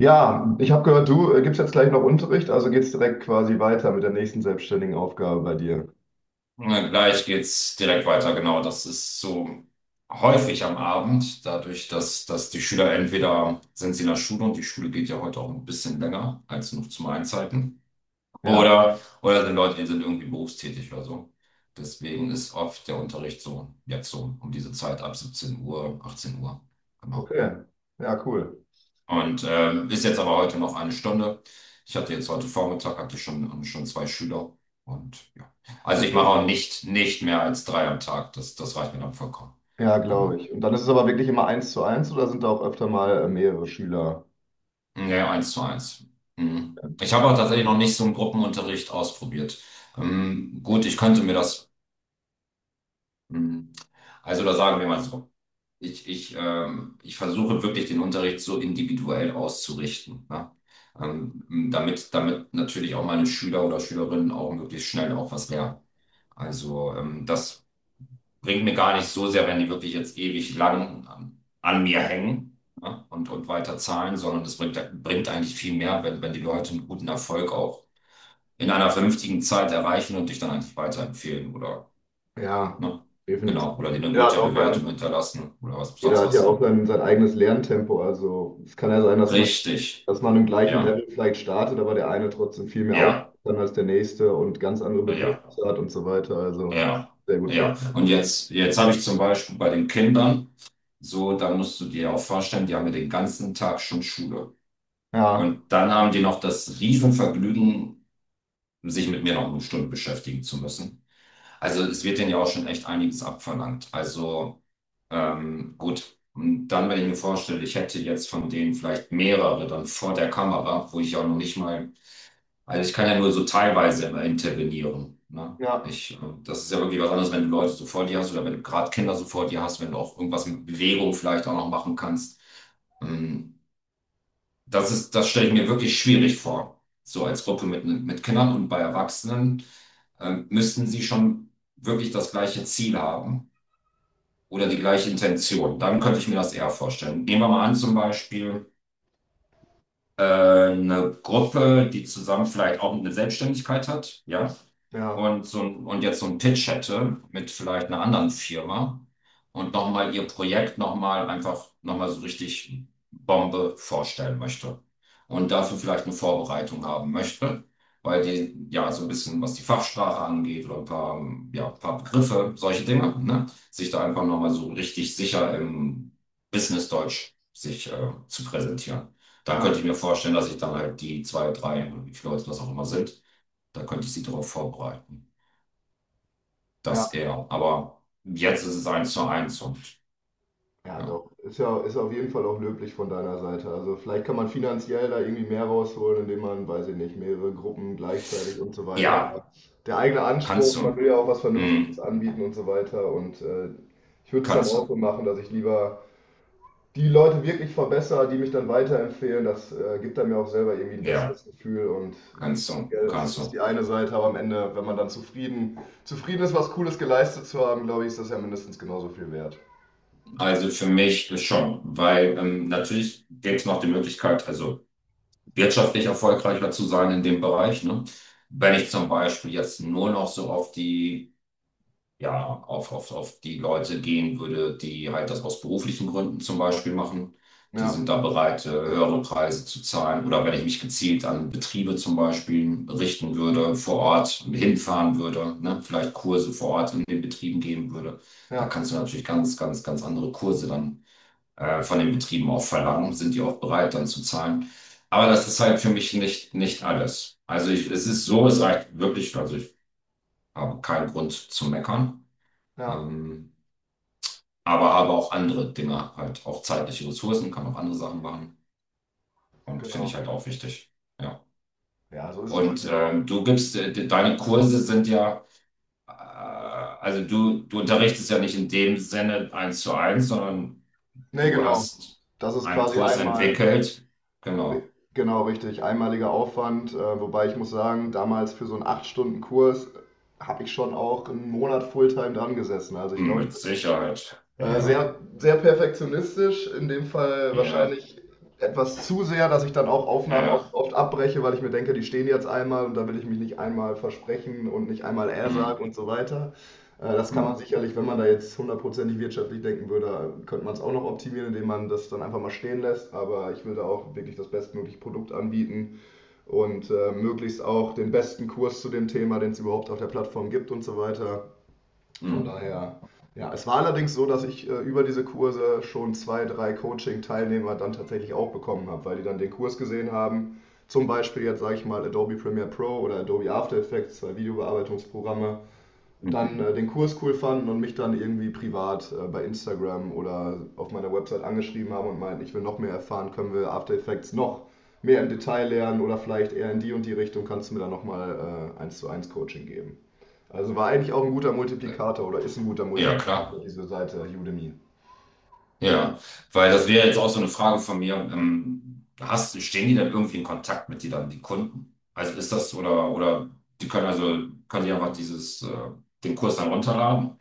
Ja, ich habe gehört, du gibst jetzt gleich noch Unterricht, also geht's direkt quasi weiter mit der nächsten selbstständigen Aufgabe bei dir. Na, gleich geht's direkt weiter, genau. Das ist so häufig am Abend, dadurch, dass die Schüler entweder sind sie in der Schule und die Schule geht ja heute auch ein bisschen länger als nur zum Einzeiten. Ja, Oder sind Leute, die sind irgendwie berufstätig oder so. Deswegen ist oft der Unterricht so jetzt so um diese Zeit ab 17 Uhr, 18 Uhr. Genau. okay. Ja, cool. Und ist jetzt aber heute noch eine Stunde. Ich hatte jetzt heute Vormittag, hatte schon zwei Schüler. Und ja. Also ich mache Und auch nicht mehr als drei am Tag. Das reicht mir dann vollkommen. ja, glaube Genau. ich. Und dann ist es aber wirklich immer eins zu eins oder sind da auch öfter mal mehrere Schüler? Ja, eins zu eins. Mhm. Ich habe auch tatsächlich noch nicht so einen Gruppenunterricht ausprobiert. Gut, ich könnte mir das, mh, also da sagen wir mal so. Ich versuche wirklich den Unterricht so individuell auszurichten, ne? Ähm, damit natürlich auch meine Schüler oder Schülerinnen auch möglichst schnell auch was lernen. Also das bringt mir gar nicht so sehr, wenn die wirklich jetzt ewig lang an mir hängen, ne? Und weiter zahlen, sondern es bringt eigentlich viel mehr, wenn, wenn die Leute einen guten Erfolg auch in einer vernünftigen Zeit erreichen und dich dann eigentlich weiterempfehlen oder, Ja, ne? definitiv. Genau, oder dir eine Jeder hat gute auch sein, Bewertung hinterlassen oder was, Jeder sonst hat ja was. auch sein, sein eigenes Lerntempo. Also es kann ja sein, Richtig. dass man im gleichen Ja, Level vielleicht startet, aber der eine trotzdem viel mehr auf ja, kann als der nächste und ganz andere ja, Bedürfnisse hat und so weiter. Also ja, sehr gut vor. ja. Und jetzt habe ich zum Beispiel bei den Kindern, so, da musst du dir auch vorstellen, die haben ja den ganzen Tag schon Schule. Ja, Und dann haben die noch das Riesenvergnügen, sich mit mir noch eine Stunde beschäftigen zu müssen. Also es wird denen ja auch schon echt einiges abverlangt. Also gut. Und dann, wenn ich mir vorstelle, ich hätte jetzt von denen vielleicht mehrere dann vor der Kamera, wo ich auch noch nicht mal. Also ich kann ja nur so teilweise immer intervenieren. Ne? ja, Ich, äh, das ist ja wirklich was anderes, wenn du Leute so vor dir hast oder wenn du gerade Kinder so vor dir hast, wenn du auch irgendwas mit Bewegung vielleicht auch noch machen kannst. Ähm, Das ist, das stelle ich mir wirklich schwierig vor. So als Gruppe mit Kindern und bei Erwachsenen müssten sie schon wirklich das gleiche Ziel haben oder die gleiche Intention. Dann könnte ich mir das eher vorstellen. Nehmen wir mal an, zum Beispiel, eine Gruppe, die zusammen vielleicht auch eine Selbstständigkeit hat, ja, ja. und, so ein, und jetzt so einen Pitch hätte mit vielleicht einer anderen Firma und nochmal ihr Projekt nochmal einfach nochmal so richtig Bombe vorstellen möchte und dafür vielleicht eine Vorbereitung haben möchte, weil die ja so ein bisschen, was die Fachsprache angeht oder ein paar, ja, ein paar Begriffe, solche Dinge, ne, sich da einfach nochmal so richtig sicher im Business-Deutsch sich zu präsentieren. Da Ja, könnte ich mir vorstellen, dass ich dann halt die zwei, drei, oder wie viele Leute das auch immer sind, da könnte ich sie darauf vorbereiten. ja, Das eher. Aber jetzt ist es eins zu eins und ja, ja. doch. Ist ja, ist auf jeden Fall auch löblich von deiner Seite. Also vielleicht kann man finanziell da irgendwie mehr rausholen, indem man, weiß ich nicht, mehrere Gruppen gleichzeitig und so weiter. Oder Ja, der eigene kannst Anspruch, man du. will ja auch was Vernünftiges Hm, anbieten und so weiter. Und ich würde es dann kannst auch so du. machen, dass ich lieber die Leute wirklich verbessere, die mich dann weiterempfehlen. Das gibt dann mir auch selber irgendwie ein Ja, besseres Gefühl. Und kannst du. finanziell ist, Kannst ist du. die eine Seite, aber am Ende, wenn man dann zufrieden ist, was Cooles geleistet zu haben, glaube ich, ist das ja mindestens genauso viel wert. Also für mich ist schon, weil natürlich gibt es noch die Möglichkeit, also wirtschaftlich erfolgreicher zu sein in dem Bereich. Ne? Wenn ich zum Beispiel jetzt nur noch so auf die ja, auf die Leute gehen würde, die halt das aus beruflichen Gründen zum Beispiel machen. Die Ja. sind da bereit, höhere Preise zu zahlen. Oder wenn ich mich gezielt an Betriebe zum Beispiel richten würde, vor Ort hinfahren würde, ne? Vielleicht Kurse vor Ort in den Betrieben geben würde. Da Ja, kannst du natürlich ganz, ganz, ganz andere Kurse dann von den Betrieben auch verlangen. Sind die auch bereit, dann zu zahlen? Aber das ist halt für mich nicht alles. Also ich, es ist so, es reicht wirklich, also ich habe keinen Grund zu meckern. ja, Ähm, aber habe auch andere Dinge, halt auch zeitliche Ressourcen, kann auch andere Sachen machen und finde ich genau. halt auch wichtig. Ja. Ja, so ist es bei Und mir auch. Deine Kurse sind ja, also du unterrichtest ja nicht in dem Sinne eins zu eins, sondern Nee, du genau. hast Das ist einen quasi Kurs einmal, entwickelt. Genau. genau, richtig, einmaliger Aufwand. Wobei ich muss sagen, damals für so einen 8-Stunden-Kurs habe ich schon auch einen Monat Fulltime dran gesessen. Also ich Hm, glaube, ich mit bin Sicherheit. äh, Ja, sehr, sehr perfektionistisch, in dem Fall ja, wahrscheinlich etwas zu sehr, dass ich dann auch Aufnahmen oft, ja. oft abbreche, weil ich mir denke, die stehen jetzt einmal und da will ich mich nicht einmal versprechen und nicht einmal er Hm, sagen und so weiter. Das kann man hm, sicherlich, wenn man da jetzt hundertprozentig wirtschaftlich denken würde, könnte man es auch noch optimieren, indem man das dann einfach mal stehen lässt. Aber ich will da auch wirklich das bestmögliche Produkt anbieten und möglichst auch den besten Kurs zu dem Thema, den es überhaupt auf der Plattform gibt und so weiter. Von hm, daher, ja, es war allerdings so, dass ich über diese Kurse schon zwei, drei Coaching-Teilnehmer dann tatsächlich auch bekommen habe, weil die dann den Kurs gesehen haben. Zum Beispiel jetzt sage ich mal Adobe Premiere Pro oder Adobe After Effects, zwei Videobearbeitungsprogramme, hm. dann den Kurs cool fanden und mich dann irgendwie privat bei Instagram oder auf meiner Website angeschrieben haben und meinten, ich will noch mehr erfahren, können wir After Effects noch mehr im Detail lernen oder vielleicht eher in die und die Richtung, kannst du mir dann nochmal eins zu eins Coaching geben. Also war eigentlich auch ein guter äh, Multiplikator oder ist ein guter Ja, Multiplikator, klar. diese Seite Udemy. Ja, weil das wäre jetzt auch so eine Frage von mir. Hast, stehen die dann irgendwie in Kontakt mit dir dann, die Kunden? Also ist das oder die können also können die einfach dieses den Kurs dann runterladen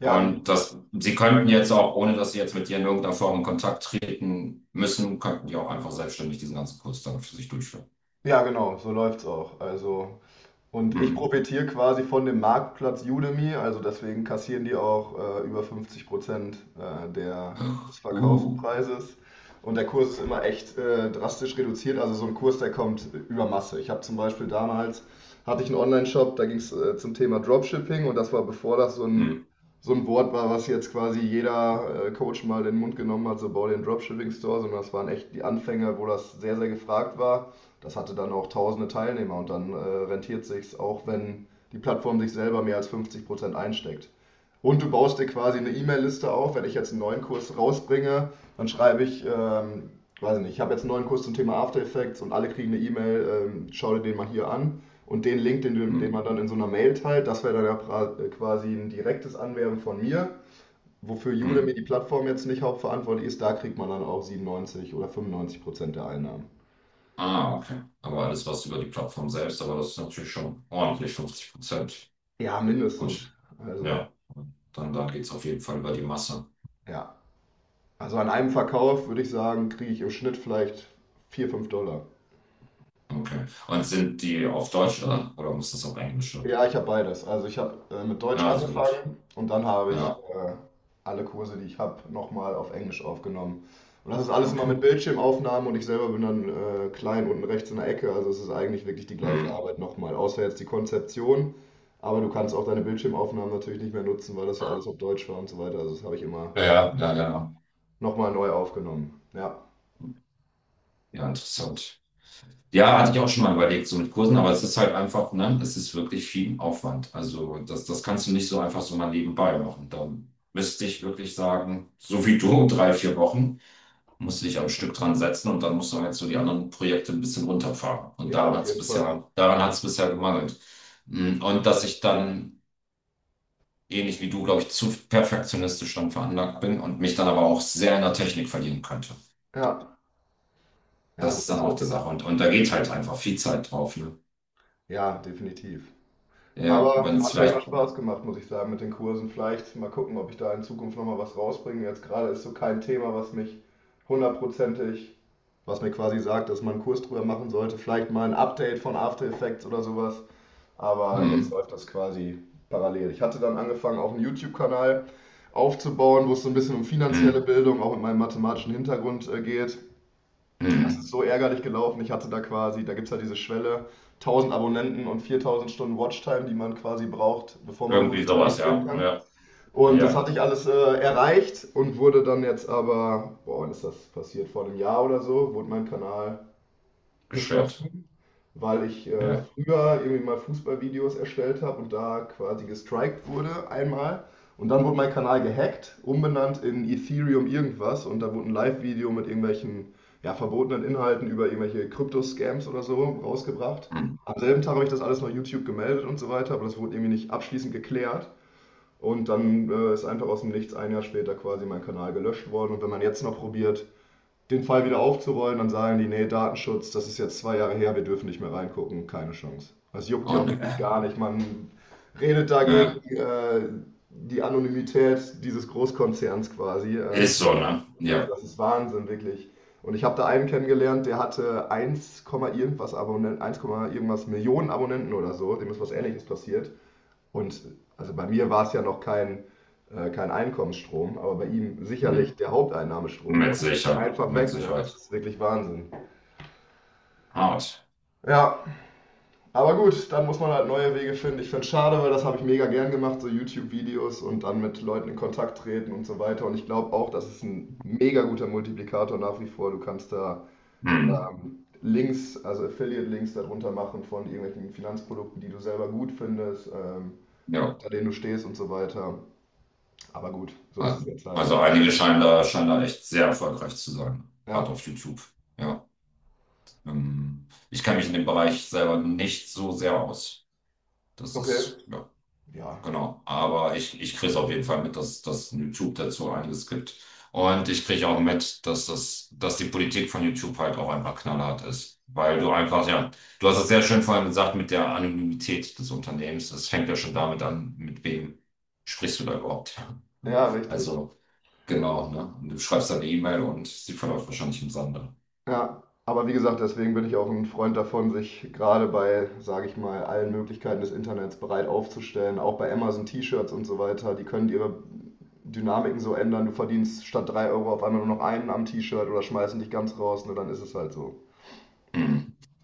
Ja, und das sie könnten jetzt auch ohne dass sie jetzt mit dir in irgendeiner Form in Kontakt treten müssen, könnten die auch einfach selbstständig diesen ganzen Kurs dann für sich durchführen. ja, genau, so läuft's auch. Also und ich Mhm. profitiere quasi von dem Marktplatz Udemy, also deswegen kassieren die auch über 50% des Uh. Verkaufspreises. Und der Kurs ist immer echt drastisch reduziert, also so ein Kurs, der kommt über Masse. Ich habe zum Beispiel damals, hatte ich einen Online-Shop, da ging es zum Thema Dropshipping und das war bevor das Mhm. so ein Wort war, was jetzt quasi jeder Coach mal in den Mund genommen hat, so bau den Dropshipping-Store, sondern das waren echt die Anfänge, wo das sehr, sehr gefragt war. Das hatte dann auch tausende Teilnehmer und dann rentiert sich's auch, wenn die Plattform sich selber mehr als 50% einsteckt. Und du baust dir quasi eine E-Mail-Liste auf. Wenn ich jetzt einen neuen Kurs rausbringe, dann schreibe ich, weiß nicht, ich habe jetzt einen neuen Kurs zum Thema After Effects und alle kriegen eine E-Mail, schau dir den mal hier an. Und den Link, den Mhm. man dann in so einer Mail teilt, das wäre dann ja quasi ein direktes Anwerben von mir. Wofür Udemy, Mhm. die Plattform, jetzt nicht hauptverantwortlich ist, da kriegt man dann auch 97 oder 95% der Einnahmen. Ah, okay. Aber alles was über die Plattform selbst, aber das ist natürlich schon ordentlich 50%. Ja, Gut. mindestens. Also, Ja, dann da geht es auf jeden Fall über die Masse. ja. Also an einem Verkauf würde ich sagen, kriege ich im Schnitt vielleicht 4, 5 Dollar. Okay. Und sind die auf Deutsch oder muss das auf Englisch sein? Ja, ich habe beides. Also ich habe mit Deutsch Ja, sehr gut. angefangen und dann habe ich Ja, alle Kurse, die ich habe, nochmal auf Englisch aufgenommen. Und das ist alles immer okay. mit Bildschirmaufnahmen und ich selber bin dann klein unten rechts in der Ecke. Also es ist eigentlich wirklich die gleiche Hm. Arbeit nochmal, außer jetzt die Konzeption. Aber du kannst auch deine Bildschirmaufnahmen natürlich nicht mehr nutzen, weil das ja alles auf Deutsch war und so weiter. Also das habe ich immer Ja, ja, ja. Ja, nochmal neu aufgenommen. Ja. ja, interessant. Ja, hatte ich auch schon mal überlegt, so mit Kursen, aber es ist halt einfach, ne, es ist wirklich viel Aufwand. Also das kannst du nicht so einfach so mal nebenbei machen. Da müsste ich wirklich sagen, so wie du, 3, 4 Wochen musst du dich am Stück dran setzen und dann musst du halt so die anderen Projekte ein bisschen runterfahren. Und Ja, auf jeden Fall. Daran hat es bisher gemangelt. Mm, und dass ich dann, ähnlich wie du, glaube ich, zu perfektionistisch dann veranlagt bin und mich dann aber auch sehr in der Technik verlieren könnte. Ja, ja, Das gut, ist das, dann das, auch die Sache. Und da geht halt einfach viel Zeit drauf, ne? ja, definitiv. Ja, wenn Aber es hat mir immer vielleicht. Spaß gemacht, muss ich sagen, mit den Kursen. Vielleicht mal gucken, ob ich da in Zukunft nochmal was rausbringe. Jetzt gerade ist so kein Thema, was mich hundertprozentig, was mir quasi sagt, dass man einen Kurs drüber machen sollte. Vielleicht mal ein Update von After Effects oder sowas. Aber jetzt Mm, läuft das quasi parallel. Ich hatte dann angefangen, auch einen YouTube-Kanal aufzubauen, wo es so ein bisschen um finanzielle mm, Bildung, auch mit meinem mathematischen Hintergrund geht. Das ist mm. so ärgerlich gelaufen. Ich hatte da quasi, da gibt es ja diese Schwelle, 1000 Abonnenten und 4000 Stunden Watchtime, die man quasi braucht, bevor man Irgendwie sowas, monetarisieren ja. kann. Ja, Und das ja, hatte ich alles erreicht und wurde dann jetzt aber, boah, wann ist das passiert? Vor einem Jahr oder so, wurde mein Kanal beschwert. geschlossen, weil ich Ja. früher irgendwie mal Fußballvideos erstellt habe und da quasi gestrikt wurde einmal. Und dann wurde mein Kanal gehackt, umbenannt in Ethereum irgendwas und da wurde ein Live-Video mit irgendwelchen ja, verbotenen Inhalten über irgendwelche Krypto-Scams oder so rausgebracht. Mm. Am selben Tag habe ich das alles noch YouTube gemeldet und so weiter, aber das wurde irgendwie nicht abschließend geklärt. Und dann ist einfach aus dem Nichts ein Jahr später quasi mein Kanal gelöscht worden. Und wenn man jetzt noch probiert, den Fall wieder aufzurollen, dann sagen die, nee, Datenschutz, das ist jetzt zwei Jahre her, wir dürfen nicht mehr reingucken, keine Chance. Das juckt die auch Und wirklich gar nicht. Man redet äh, dagegen die Anonymität dieses Großkonzerns quasi. Ist so, ne? Also Ja. das ist Wahnsinn, wirklich. Und ich habe da einen kennengelernt, der hatte 1, irgendwas Abonnenten, 1, irgendwas Millionen Abonnenten oder so, dem ist was Ähnliches passiert. Und also bei mir war es ja noch kein, kein Einkommensstrom, aber bei ihm sicherlich Mm. der Haupteinnahmestrom Mit und sicher, einfach mit weg, ne? Das Sicherheit. ist wirklich Wahnsinn. Hart. Ja, aber gut, dann muss man halt neue Wege finden. Ich finde es schade, weil das habe ich mega gern gemacht, so YouTube-Videos und dann mit Leuten in Kontakt treten und so weiter. Und ich glaube auch, das ist ein mega guter Multiplikator nach wie vor. Du kannst da Hm. Links, also Affiliate-Links darunter machen von irgendwelchen Finanzprodukten, die du selber gut findest, Ja. hinter denen du stehst und so weiter. Aber gut, so ist es jetzt halt. Also einige scheinen da echt sehr erfolgreich zu sein, gerade Ja, auf YouTube. Ja. Ich kenne mich in dem Bereich selber nicht so sehr aus. Das okay. ist, ja. Ja. Genau, aber ich kriege es auf jeden Fall mit, dass dass YouTube dazu einiges gibt. Und ich kriege auch mit, dass die Politik von YouTube halt auch einfach knallhart ist. Weil du Ja, einfach, ja, du hast es sehr schön vorhin gesagt mit der Anonymität des Unternehmens. Es fängt ja schon damit an, mit wem sprichst du da überhaupt? Ja. ja, richtig. Also, genau, ne? Und du schreibst dann eine E-Mail und sie verläuft wahrscheinlich im Sande. Ja. Aber wie gesagt, deswegen bin ich auch ein Freund davon, sich gerade bei, sage ich mal, allen Möglichkeiten des Internets bereit aufzustellen. Auch bei Amazon T-Shirts und so weiter. Die können ihre Dynamiken so ändern. Du verdienst statt 3 Euro auf einmal nur noch einen am T-Shirt oder schmeißen dich ganz raus. Nur dann ist es halt so. Mhm.